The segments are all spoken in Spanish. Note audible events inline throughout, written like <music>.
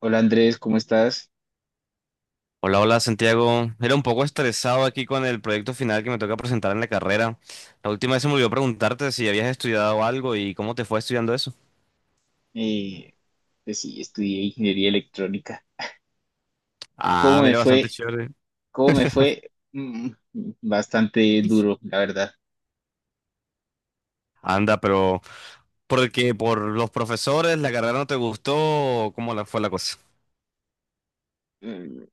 Hola Andrés, ¿cómo estás? Hola, hola Santiago. Era un poco estresado aquí con el proyecto final que me toca presentar en la carrera. La última vez se me olvidó preguntarte si habías estudiado algo y cómo te fue estudiando eso. Eh, pues sí, estudié ingeniería electrónica. Ah, ¿Cómo me mira, bastante fue? chévere. ¿Cómo me fue? Bastante duro, la verdad. Anda, pero ¿por qué? ¿Por los profesores? ¿La carrera no te gustó? O ¿cómo fue la cosa? Mm,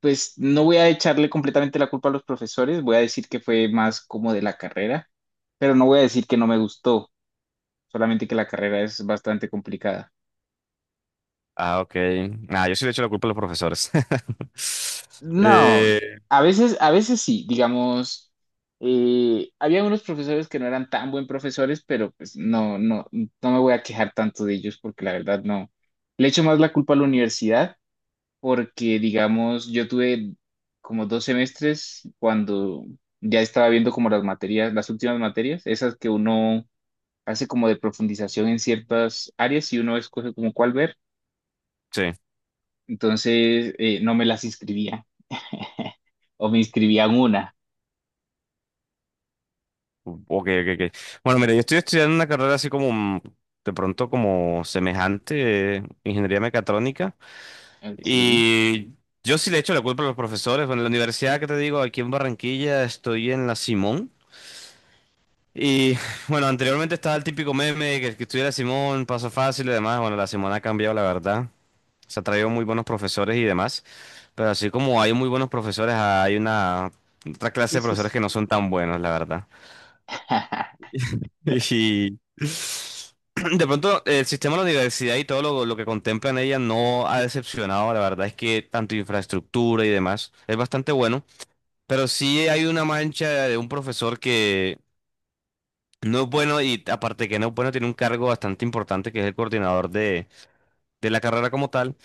Pues no voy a echarle completamente la culpa a los profesores, voy a decir que fue más como de la carrera, pero no voy a decir que no me gustó, solamente que la carrera es bastante complicada. Ah, ok. Ah, yo sí le echo la culpa a los profesores. <laughs> No, Eh, a veces sí, digamos, había unos profesores que no eran tan buen profesores, pero pues no, no, no me voy a quejar tanto de ellos porque la verdad no. Le echo más la culpa a la universidad porque, digamos, yo tuve como dos semestres cuando ya estaba viendo como las materias, las últimas materias, esas que uno hace como de profundización en ciertas áreas y uno escoge como cuál ver, sí. entonces no me las inscribía <laughs> o me inscribía en una. Ok, ok, ok. Bueno, mira, yo estoy estudiando una carrera así como de pronto como semejante, ingeniería mecatrónica. Ok, sí, Y yo sí le echo la culpa a los profesores. Bueno, en la universidad que te digo, aquí en Barranquilla, estoy en la Simón. Y <laughs> bueno, anteriormente estaba el típico meme de que el que estudia Simón, paso fácil y demás. Bueno, la Simón ha cambiado, la verdad. Se ha traído muy buenos profesores y demás. Pero así como hay muy buenos profesores, hay una otra clase de sí, profesores que sí. no son tan buenos, la verdad. <laughs> <laughs> Y de pronto el sistema de la universidad y todo lo que contempla en ella no ha decepcionado. La verdad es que tanto infraestructura y demás es bastante bueno. Pero sí hay una mancha de un profesor que no es bueno, y aparte que no es bueno tiene un cargo bastante importante, que es el coordinador de la carrera como tal.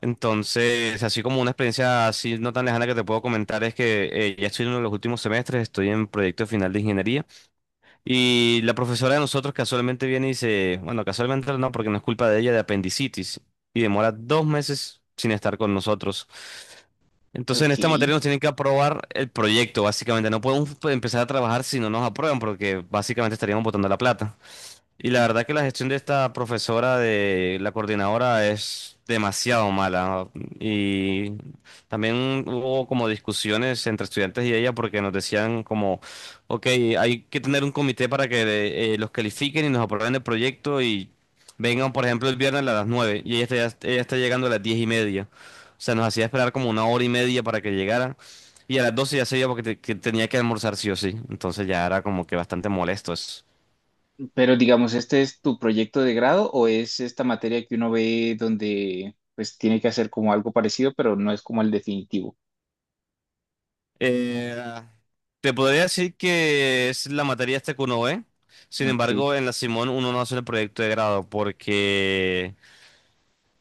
Entonces, así como una experiencia así no tan lejana que te puedo comentar, es que ya estoy en uno de los últimos semestres, estoy en proyecto final de ingeniería. Y la profesora de nosotros casualmente viene y dice, bueno, casualmente no, porque no es culpa de ella, de apendicitis. Y demora dos meses sin estar con nosotros. Entonces en Ok, esta materia nos tienen que aprobar el proyecto, básicamente. No podemos empezar a trabajar si no nos aprueban, porque básicamente estaríamos botando la plata. Y la verdad que la gestión de esta profesora, de la coordinadora, es demasiado mala, ¿no? Y también hubo como discusiones entre estudiantes y ella, porque nos decían como, ok, hay que tener un comité para que los califiquen y nos aprueben el proyecto, y vengan, por ejemplo, el viernes a las nueve, y ella está llegando a las 10 y media. O sea, nos hacía esperar como una hora y media para que llegara. Y a las 12 ya se iba porque que tenía que almorzar sí o sí. Entonces ya era como que bastante molesto eso. pero digamos, ¿este es tu proyecto de grado o es esta materia que uno ve donde pues tiene que hacer como algo parecido, pero no es como el definitivo? Eh, Te podría decir que es la materia esta que uno ve. Sin Ok, embargo, en la Simón uno no hace el proyecto de grado porque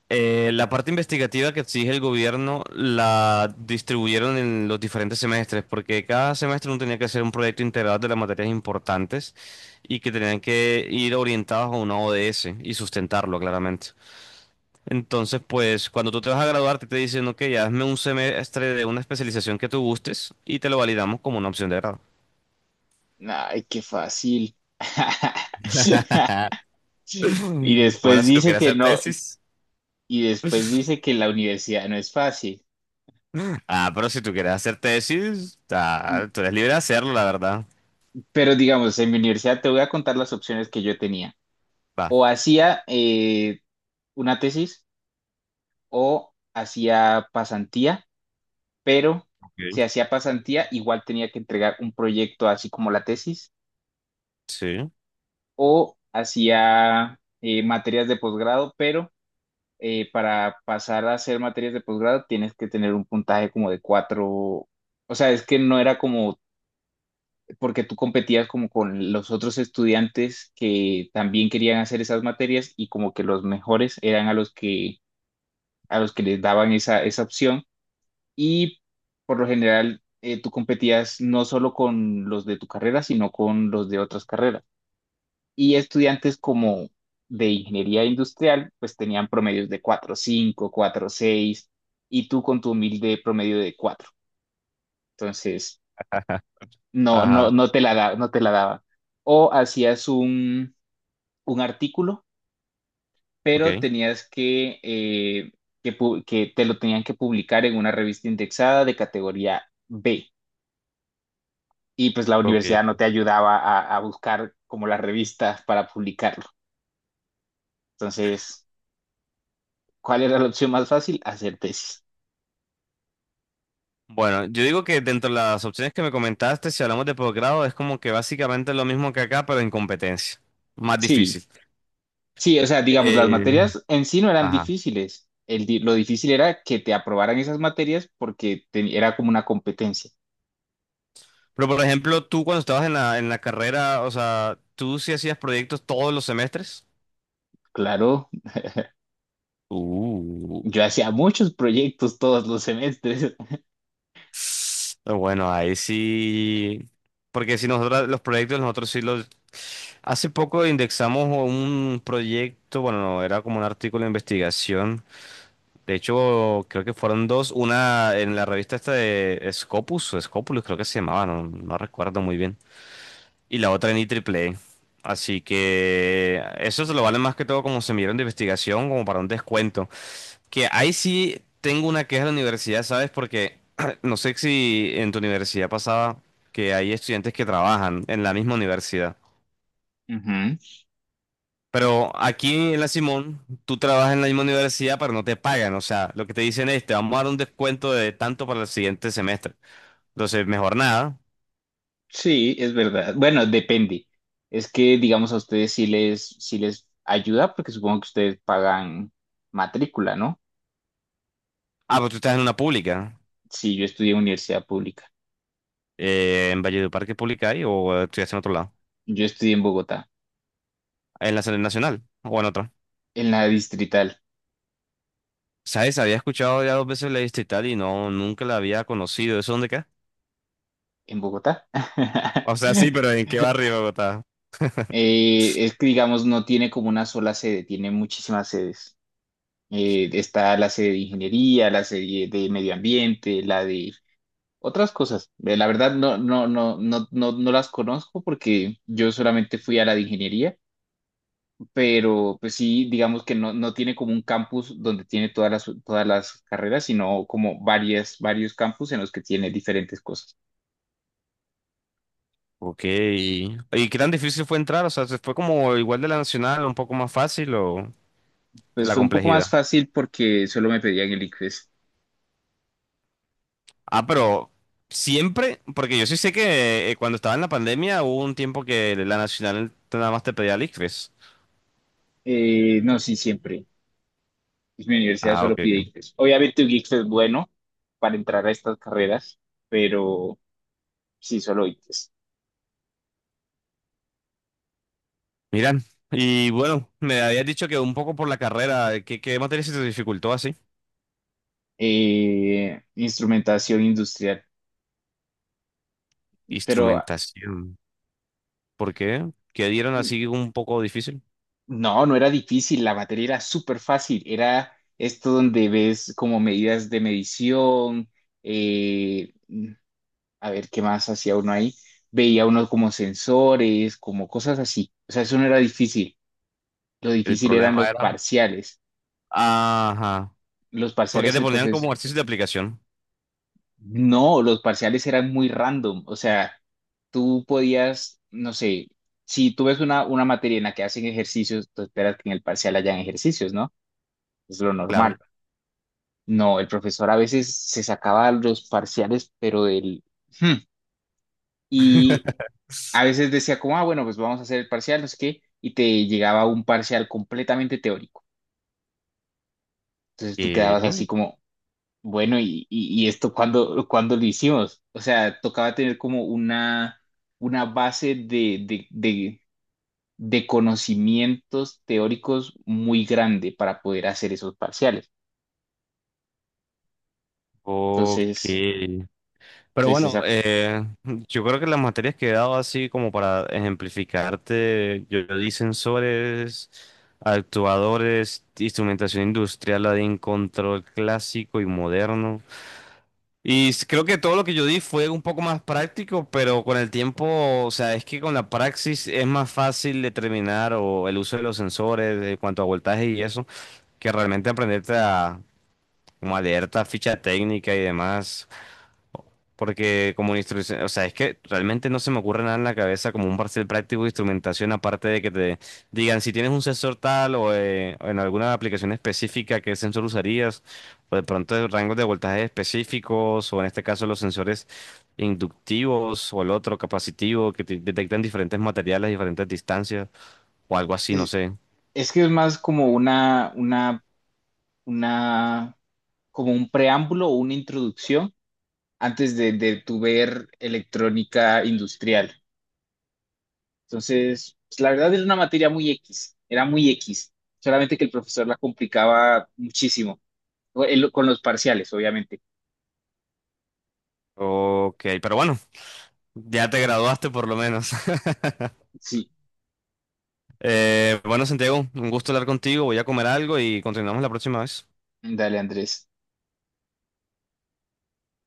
la parte investigativa que exige el gobierno la distribuyeron en los diferentes semestres, porque cada semestre uno tenía que hacer un proyecto integral de las materias importantes y que tenían que ir orientados a una ODS y sustentarlo claramente. Entonces, pues cuando tú te vas a graduarte te dicen, ok, hazme un semestre de una especialización que tú gustes y te lo validamos como una opción de grado. ay, qué fácil. <laughs> <laughs> Y Mm. Bueno, después si tú dice quieres que hacer no, tesis. y después dice que la universidad no es fácil. Ah, pero si tú quieres hacer tesis, ah, tú eres libre de hacerlo, la verdad. Pero digamos, en mi universidad te voy a contar las opciones que yo tenía. Va. O hacía una tesis o hacía pasantía, pero Ok. si hacía pasantía, igual tenía que entregar un proyecto así como la tesis, Sí. o hacía materias de posgrado, pero para pasar a hacer materias de posgrado tienes que tener un puntaje como de cuatro, o sea, es que no era como, porque tú competías como con los otros estudiantes que también querían hacer esas materias y como que los mejores eran a los que les daban esa, esa opción, y por lo general tú competías no solo con los de tu carrera, sino con los de otras carreras. Y estudiantes como de ingeniería industrial, pues tenían promedios de cuatro cinco cuatro seis, y tú con tu humilde promedio de cuatro. Entonces, <laughs> no, Ajá. no, Ajá. no te la da, no te la daba. O hacías un artículo, Ok, pero tenías que, que te lo tenían que publicar en una revista indexada de categoría B. Y pues la universidad ok. no te ayudaba a buscar como las revistas para publicarlo. Entonces, ¿cuál era la opción más fácil? Hacer tesis. Bueno, yo digo que dentro de las opciones que me comentaste, si hablamos de posgrado, es como que básicamente lo mismo que acá, pero en competencia. Más Sí, difícil. sí, o sea, digamos, las Eh, materias en sí no eran Ajá. difíciles. Lo difícil era que te aprobaran esas materias porque era como una competencia. Pero por ejemplo, tú cuando estabas en la carrera, o sea, ¿tú sí hacías proyectos todos los semestres? Claro, Uh. yo hacía muchos proyectos todos los semestres. Bueno, ahí sí, porque si nosotros los proyectos, nosotros sí los... Hace poco indexamos un proyecto, bueno, no, era como un artículo de investigación. De hecho, creo que fueron dos, una en la revista esta de Scopus, o Scopulus creo que se llamaba, no recuerdo muy bien. Y la otra en IEEE. Así que eso se lo vale más que todo como semillero de investigación, como para un descuento. Que ahí sí tengo una queja de la universidad, ¿sabes? Porque <clears throat> no sé si en tu universidad pasaba que hay estudiantes que trabajan en la misma universidad. <laughs> Ujú. Pero aquí en la Simón, tú trabajas en la misma universidad, pero no te pagan. O sea, lo que te dicen es, te vamos a dar un descuento de tanto para el siguiente semestre. Entonces, mejor nada. Sí, es verdad. Bueno, depende. Es que, digamos, a ustedes sí les ayuda porque supongo que ustedes pagan matrícula, ¿no? Ah, pero tú estás en una pública. Sí, yo estudié en universidad pública. ¿En Valledupar qué pública hay o estudias en otro lado? Yo estudié en Bogotá, ¿En la serie nacional o en otra? en la distrital, ¿Sabes? Había escuchado ya dos veces la distrital y no, nunca la había conocido. ¿Eso dónde queda? en Bogotá. O sea, sí, pero <laughs> ¿en qué barrio de Bogotá? Es que, digamos, no tiene como una sola sede, tiene muchísimas sedes. Está la sede de ingeniería, la sede de medio ambiente, la de otras cosas. La verdad, no, no, no, no, no, no las conozco porque yo solamente fui a la de ingeniería. Pero pues sí, digamos que no, no tiene como un campus donde tiene todas las carreras, sino como varias, varios campus en los que tiene diferentes cosas. Ok. ¿Y qué tan difícil fue entrar? O sea, ¿se ¿fue como igual de la nacional, un poco más fácil o Pues la fue un poco más complejidad? fácil porque solo me pedían el ICFES. Ah, pero siempre, porque yo sí sé que cuando estaba en la pandemia hubo un tiempo que la nacional nada más te pedía el ICFES. No, sí, siempre. Pues, mi universidad Ah, solo ok. pide Ok. ICFES. Obviamente un ICFES es bueno para entrar a estas carreras, pero sí, solo ICFES. Mira, y bueno, me habías dicho que un poco por la carrera, ¿qué materia se te dificultó así? Instrumentación industrial, pero... Instrumentación. ¿Por qué? Que dieron mm, así un poco difícil. no, no era difícil, la materia era súper fácil, era esto donde ves como medidas de medición, eh, a ver qué más hacía uno ahí, veía uno como sensores, como cosas así, o sea, eso no era difícil, lo El difícil eran problema era. Ajá. los Porque parciales te el ponían como profesor, ejercicio de aplicación. no, los parciales eran muy random, o sea, tú podías, no sé, si tú ves una materia en la que hacen ejercicios, tú esperas que en el parcial hayan ejercicios, ¿no? Es lo Claro. normal. No, el profesor a veces se sacaba los parciales, pero del... hmm, y <laughs> a veces decía como, ah, bueno, pues vamos a hacer el parcial, no sé qué, y te llegaba un parcial completamente teórico. Entonces tú quedabas Eh, así como, bueno, ¿y, y esto cuándo, cuándo lo hicimos? O sea, tocaba tener como una base de conocimientos teóricos muy grande para poder hacer esos parciales. ok. Entonces, Pero entonces bueno, esa... yo creo que las materias que he dado así como para ejemplificarte, yo di sensores, actuadores, instrumentación industrial, la de en control clásico y moderno. Y creo que todo lo que yo di fue un poco más práctico, pero con el tiempo, o sea, es que con la praxis es más fácil determinar o el uso de los sensores, de cuanto a voltaje y eso, que realmente aprenderte a, como a leer esta ficha técnica y demás. Porque como instrucción, o sea, es que realmente no se me ocurre nada en la cabeza como un parcial práctico de instrumentación, aparte de que te digan si tienes un sensor tal o en alguna aplicación específica qué sensor usarías, o de pronto rangos de voltaje específicos, o en este caso los sensores inductivos o el otro capacitivo que te detectan diferentes materiales, diferentes distancias, o algo así, no es- sé. es que es más como una, como un preámbulo o una introducción antes de tu ver electrónica industrial. Entonces, pues, la verdad era una materia muy X, era muy X, solamente que el profesor la complicaba muchísimo, con los parciales, obviamente. Ok, pero bueno, ya te graduaste por lo menos. <laughs> Sí, Bueno, Santiago, un gusto hablar contigo. Voy a comer algo y continuamos la próxima vez. dale, Andrés.